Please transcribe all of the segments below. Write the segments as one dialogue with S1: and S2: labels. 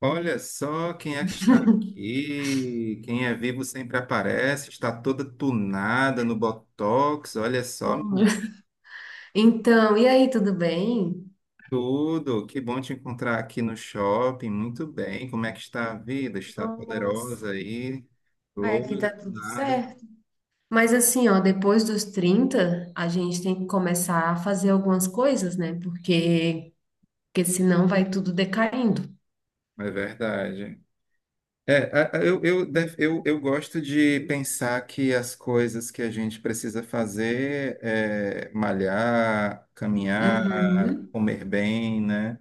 S1: Olha só quem é que está aqui. Quem é vivo sempre aparece. Está toda tunada no Botox. Olha só,
S2: Como?
S1: menina.
S2: E aí, tudo bem?
S1: Tudo. Que bom te encontrar aqui no shopping. Muito bem. Como é que está a vida? Está poderosa
S2: Nossa.
S1: aí?
S2: Ai, aqui tá
S1: Loura,
S2: tudo
S1: tunada.
S2: certo. Mas assim, ó, depois dos 30 a gente tem que começar a fazer algumas coisas, né? Porque senão vai tudo decaindo.
S1: É verdade. Eu gosto de pensar que as coisas que a gente precisa fazer é malhar, caminhar,
S2: Uhum.
S1: comer bem, né?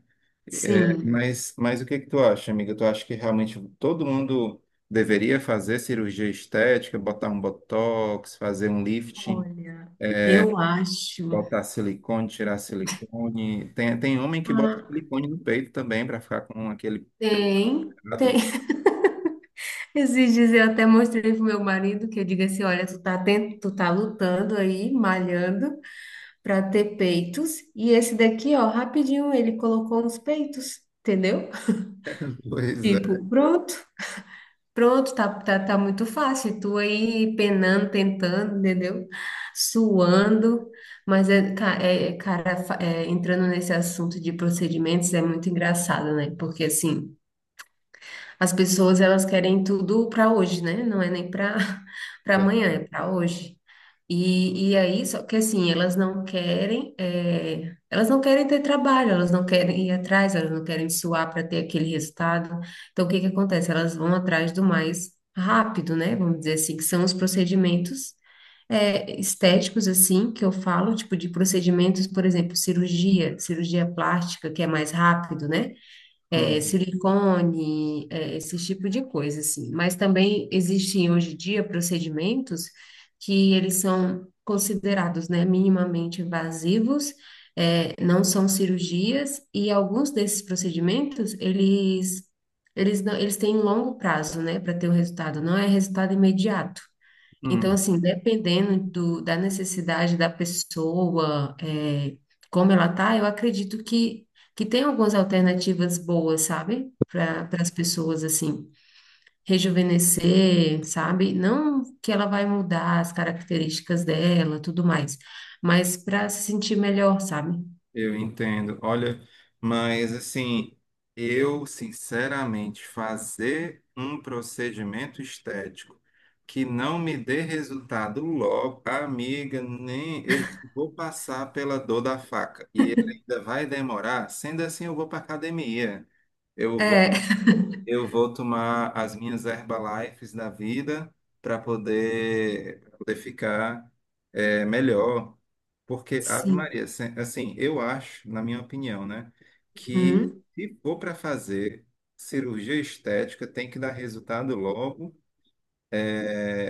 S2: Sim,
S1: Mas o que que tu acha, amiga? Tu acha que realmente todo mundo deveria fazer cirurgia estética, botar um botox, fazer um lifting,
S2: olha, eu acho.
S1: botar silicone, tirar silicone? Tem homem que bota
S2: Ah.
S1: silicone no peito também para ficar com aquele
S2: Tem, tem.
S1: pecado.
S2: Esses dias eu até mostrei pro meu marido que eu digo assim, olha, tu tá lutando aí, malhando, para ter peitos. E esse daqui, ó, rapidinho ele colocou nos peitos, entendeu?
S1: Pois é.
S2: Tipo, pronto, pronto, tá, tá, tá muito fácil. Tu aí penando, tentando, entendeu? Suando. Mas, cara, entrando nesse assunto de procedimentos é muito engraçado, né? Porque, assim, as pessoas, elas querem tudo para hoje, né? Não é nem para para amanhã, é para hoje. E aí, só que assim, elas não querem ter trabalho, elas não querem ir atrás, elas não querem suar para ter aquele resultado. Então, o que que acontece? Elas vão atrás do mais rápido, né? Vamos dizer assim, que são os procedimentos, estéticos, assim, que eu falo, tipo de procedimentos, por exemplo, cirurgia plástica, que é mais rápido, né?
S1: Uhum.
S2: Silicone, esse tipo de coisa, assim. Mas também existem hoje em dia procedimentos que eles são considerados, né, minimamente invasivos, não são cirurgias, e alguns desses procedimentos, eles, não- eles têm um longo prazo, né, para ter o resultado, não é resultado imediato. Então,
S1: Uhum.
S2: assim, dependendo do, da necessidade da pessoa, como ela tá, eu acredito que tem algumas alternativas boas, sabe? Para as pessoas, assim, rejuvenescer, sabe? Não que ela vai mudar as características dela, tudo mais, mas para se sentir melhor, sabe?
S1: Eu entendo. Olha, mas assim, eu sinceramente fazer um procedimento estético que não me dê resultado logo, amiga, nem eu já vou passar pela dor da faca e ele ainda vai demorar. Sendo assim, eu vou para academia. Eu
S2: É.
S1: vou eu vou tomar as minhas Herbalifes da vida para poder, pra poder ficar melhor. Porque, Ave
S2: Sim.
S1: Maria, assim, eu acho, na minha opinião, né, que
S2: Uhum.
S1: se for para fazer cirurgia estética, tem que dar resultado logo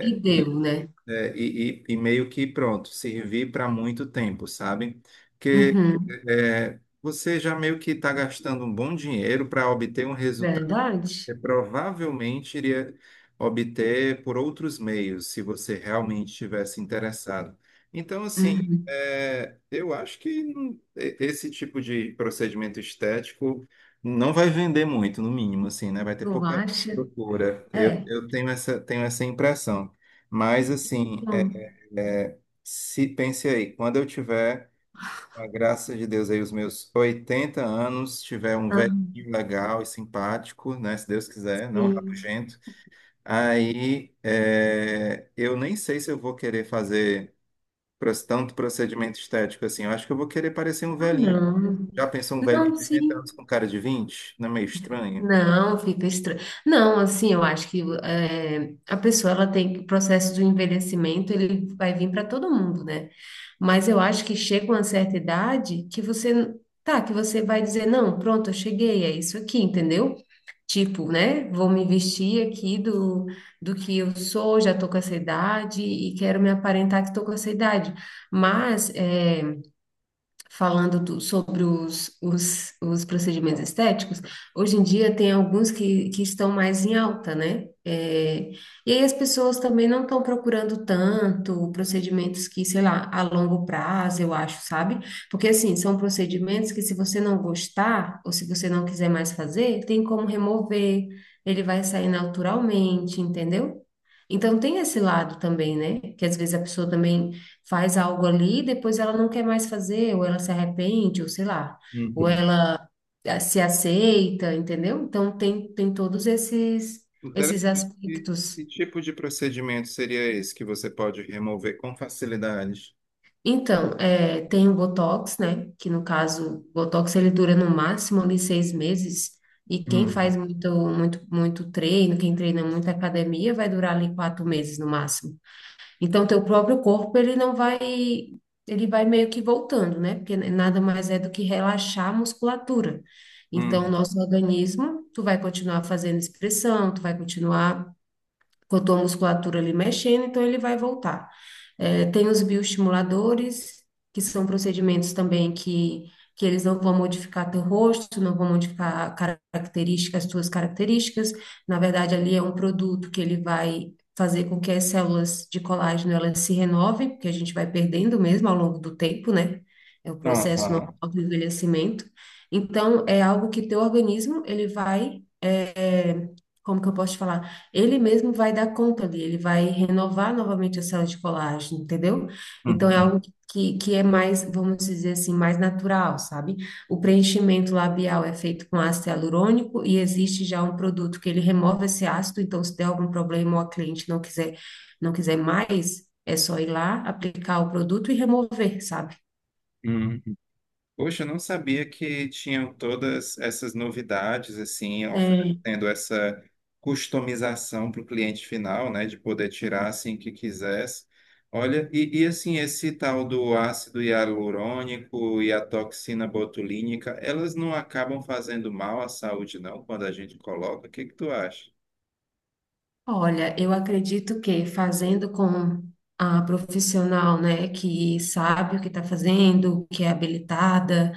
S2: E
S1: e,
S2: deu, né?
S1: e meio que pronto, servir para muito tempo, sabe? Porque
S2: Uhum.
S1: você já meio que está gastando um bom dinheiro para obter um resultado
S2: Verdade?
S1: você provavelmente iria obter por outros meios, se você realmente estivesse interessado. Então, assim,
S2: Uhum.
S1: eu acho que esse tipo de procedimento estético não vai vender muito, no mínimo, assim, né? Vai ter
S2: Tu
S1: pouca
S2: acha?
S1: procura. Eu,
S2: É.
S1: eu tenho essa impressão. Mas, assim, se pense aí, quando eu tiver com a graça de Deus aí, os meus 80 anos, tiver um velhinho
S2: Hum.
S1: legal e simpático, né? Se Deus quiser, não
S2: Sim.
S1: rabugento. Aí, eu nem sei se eu vou querer fazer tanto procedimento estético assim. Eu acho que eu vou querer parecer um
S2: Ah,
S1: velhinho.
S2: não.
S1: Já pensou um velhinho
S2: Não,
S1: de 80
S2: sim.
S1: anos com cara de vinte? Não é meio estranho?
S2: Não, fica estranho. Não, assim, eu acho que a pessoa ela o processo do envelhecimento ele vai vir para todo mundo, né? Mas eu acho que chega uma certa idade que que você vai dizer, não, pronto, eu cheguei, é isso aqui, entendeu? Tipo, né? Vou me vestir aqui do, do que eu sou, já tô com essa idade e quero me aparentar que tô com essa idade. Mas falando sobre os, os procedimentos estéticos, hoje em dia tem alguns que estão mais em alta, né? E aí as pessoas também não estão procurando tanto procedimentos que, sei lá, a longo prazo, eu acho, sabe? Porque, assim, são procedimentos que se você não gostar ou se você não quiser mais fazer, tem como remover, ele vai sair naturalmente, entendeu? Então tem esse lado também, né? Que às vezes a pessoa também faz algo ali, depois ela não quer mais fazer, ou ela se arrepende, ou sei lá, ou
S1: Uhum.
S2: ela se aceita, entendeu? Então tem todos esses
S1: Interessante. E
S2: aspectos.
S1: que tipo de procedimento seria esse que você pode remover com facilidade?
S2: Então, tem o Botox, né? Que no caso, o Botox ele dura no máximo ali 6 meses. E quem faz
S1: Uhum.
S2: muito, muito, muito treino, quem treina muito academia, vai durar ali 4 meses no máximo. Então, teu próprio corpo, ele não vai, ele vai meio que voltando, né? Porque nada mais é do que relaxar a musculatura. Então,
S1: Uhum.
S2: nosso organismo, tu vai continuar fazendo expressão, tu vai continuar com a tua musculatura ali mexendo, então ele vai voltar. É, tem os bioestimuladores, que são procedimentos também que eles não vão modificar teu rosto, não vão modificar características, as tuas características. Na verdade, ali é um produto que ele vai fazer com que as células de colágeno elas se renovem, porque a gente vai perdendo mesmo ao longo do tempo, né? É o processo normal
S1: Aham.
S2: do envelhecimento. Então, é algo que teu organismo, ele vai, como que eu posso te falar? Ele mesmo vai dar conta ali, ele vai renovar novamente a célula de colágeno, entendeu? Então é
S1: Uhum.
S2: algo que é mais, vamos dizer assim, mais natural, sabe? O preenchimento labial é feito com ácido hialurônico e existe já um produto que ele remove esse ácido, então se der algum problema ou a cliente não quiser mais, é só ir lá, aplicar o produto e remover, sabe?
S1: Uhum. Poxa, eu não sabia que tinham todas essas novidades, assim, oferecendo essa customização para o cliente final, né, de poder tirar assim que quisesse. Olha, assim, esse tal do ácido hialurônico e a toxina botulínica, elas não acabam fazendo mal à saúde, não, quando a gente coloca? O que que tu acha?
S2: Olha, eu acredito que fazendo com a profissional, né, que sabe o que está fazendo, que é habilitada,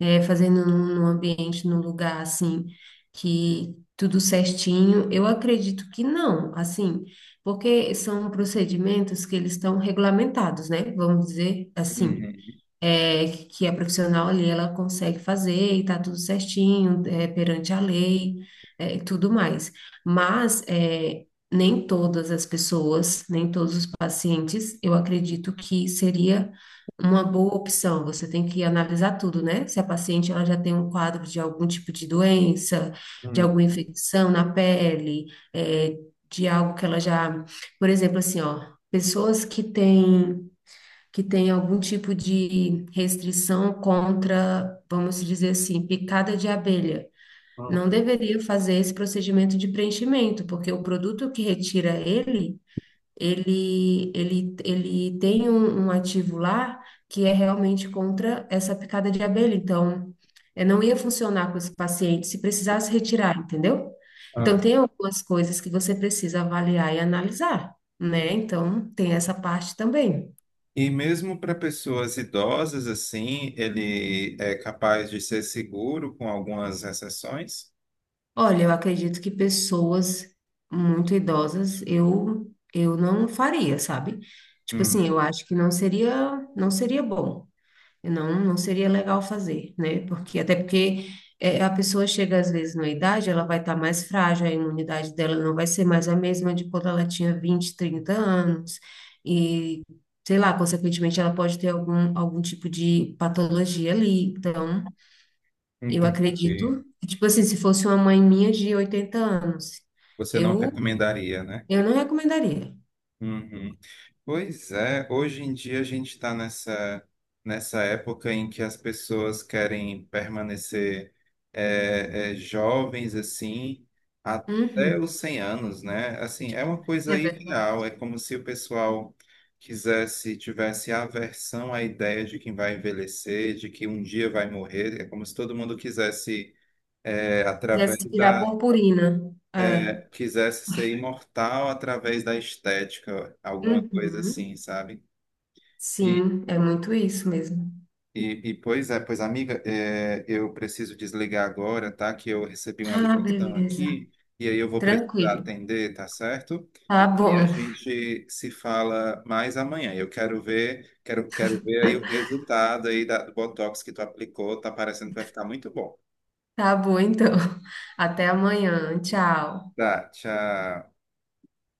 S2: fazendo num ambiente, num lugar assim, que tudo certinho, eu acredito que não, assim, porque são procedimentos que eles estão regulamentados, né, vamos dizer assim
S1: Uhum,
S2: que é profissional ali, ela consegue fazer e tá tudo certinho, perante a lei, e tudo mais. Mas nem todas as pessoas, nem todos os pacientes, eu acredito que seria uma boa opção. Você tem que analisar tudo, né? Se a paciente ela já tem um quadro de algum tipo de doença, de
S1: uhum,
S2: alguma infecção na pele, é, de algo que ela já, por exemplo, assim, ó, pessoas que tem algum tipo de restrição contra, vamos dizer assim, picada de abelha, não deveria fazer esse procedimento de preenchimento, porque o produto que retira ele, ele tem um ativo lá que é realmente contra essa picada de abelha. Então, não ia funcionar com esse paciente se precisasse retirar, entendeu? Então,
S1: uhum.
S2: tem algumas coisas que você precisa avaliar e analisar, né? Então, tem essa parte também.
S1: E mesmo para pessoas idosas, assim, ele é capaz de ser seguro com algumas exceções?
S2: Olha, eu acredito que pessoas muito idosas eu não faria, sabe? Tipo
S1: Hum,
S2: assim, eu acho que não seria bom, eu não seria legal fazer, né? Porque até porque a pessoa chega às vezes na idade, ela vai estar mais frágil, a imunidade dela não vai ser mais a mesma de quando ela tinha 20, 30 anos e sei lá, consequentemente ela pode ter algum tipo de patologia ali, então eu
S1: entendi.
S2: acredito, tipo assim, se fosse uma mãe minha de 80 anos,
S1: Você não
S2: eu,
S1: recomendaria, né?
S2: eu não recomendaria.
S1: Uhum. Pois é, hoje em dia a gente está nessa época em que as pessoas querem permanecer jovens assim até
S2: Uhum,
S1: os 100 anos, né? Assim, é uma
S2: é
S1: coisa
S2: verdade.
S1: ideal, é como se o pessoal quisesse, tivesse aversão à ideia de que vai envelhecer, de que um dia vai morrer, é como se todo mundo quisesse, é, através
S2: Quisesse tirar
S1: da,
S2: purpurina. É.
S1: quisesse ser imortal através da estética, alguma coisa assim,
S2: Uhum.
S1: sabe? E
S2: Sim, é muito isso mesmo.
S1: e pois amiga, eu preciso desligar agora, tá? Que eu recebi uma
S2: Ah,
S1: ligação
S2: beleza.
S1: aqui e aí eu vou precisar
S2: Tranquilo.
S1: atender, tá certo?
S2: Tá
S1: E a
S2: bom.
S1: gente se fala mais amanhã. Eu quero ver, quero ver aí o resultado aí do Botox que tu aplicou. Tá parecendo que vai ficar muito bom.
S2: Tá bom, então. Até amanhã. Tchau.
S1: Tá, tchau.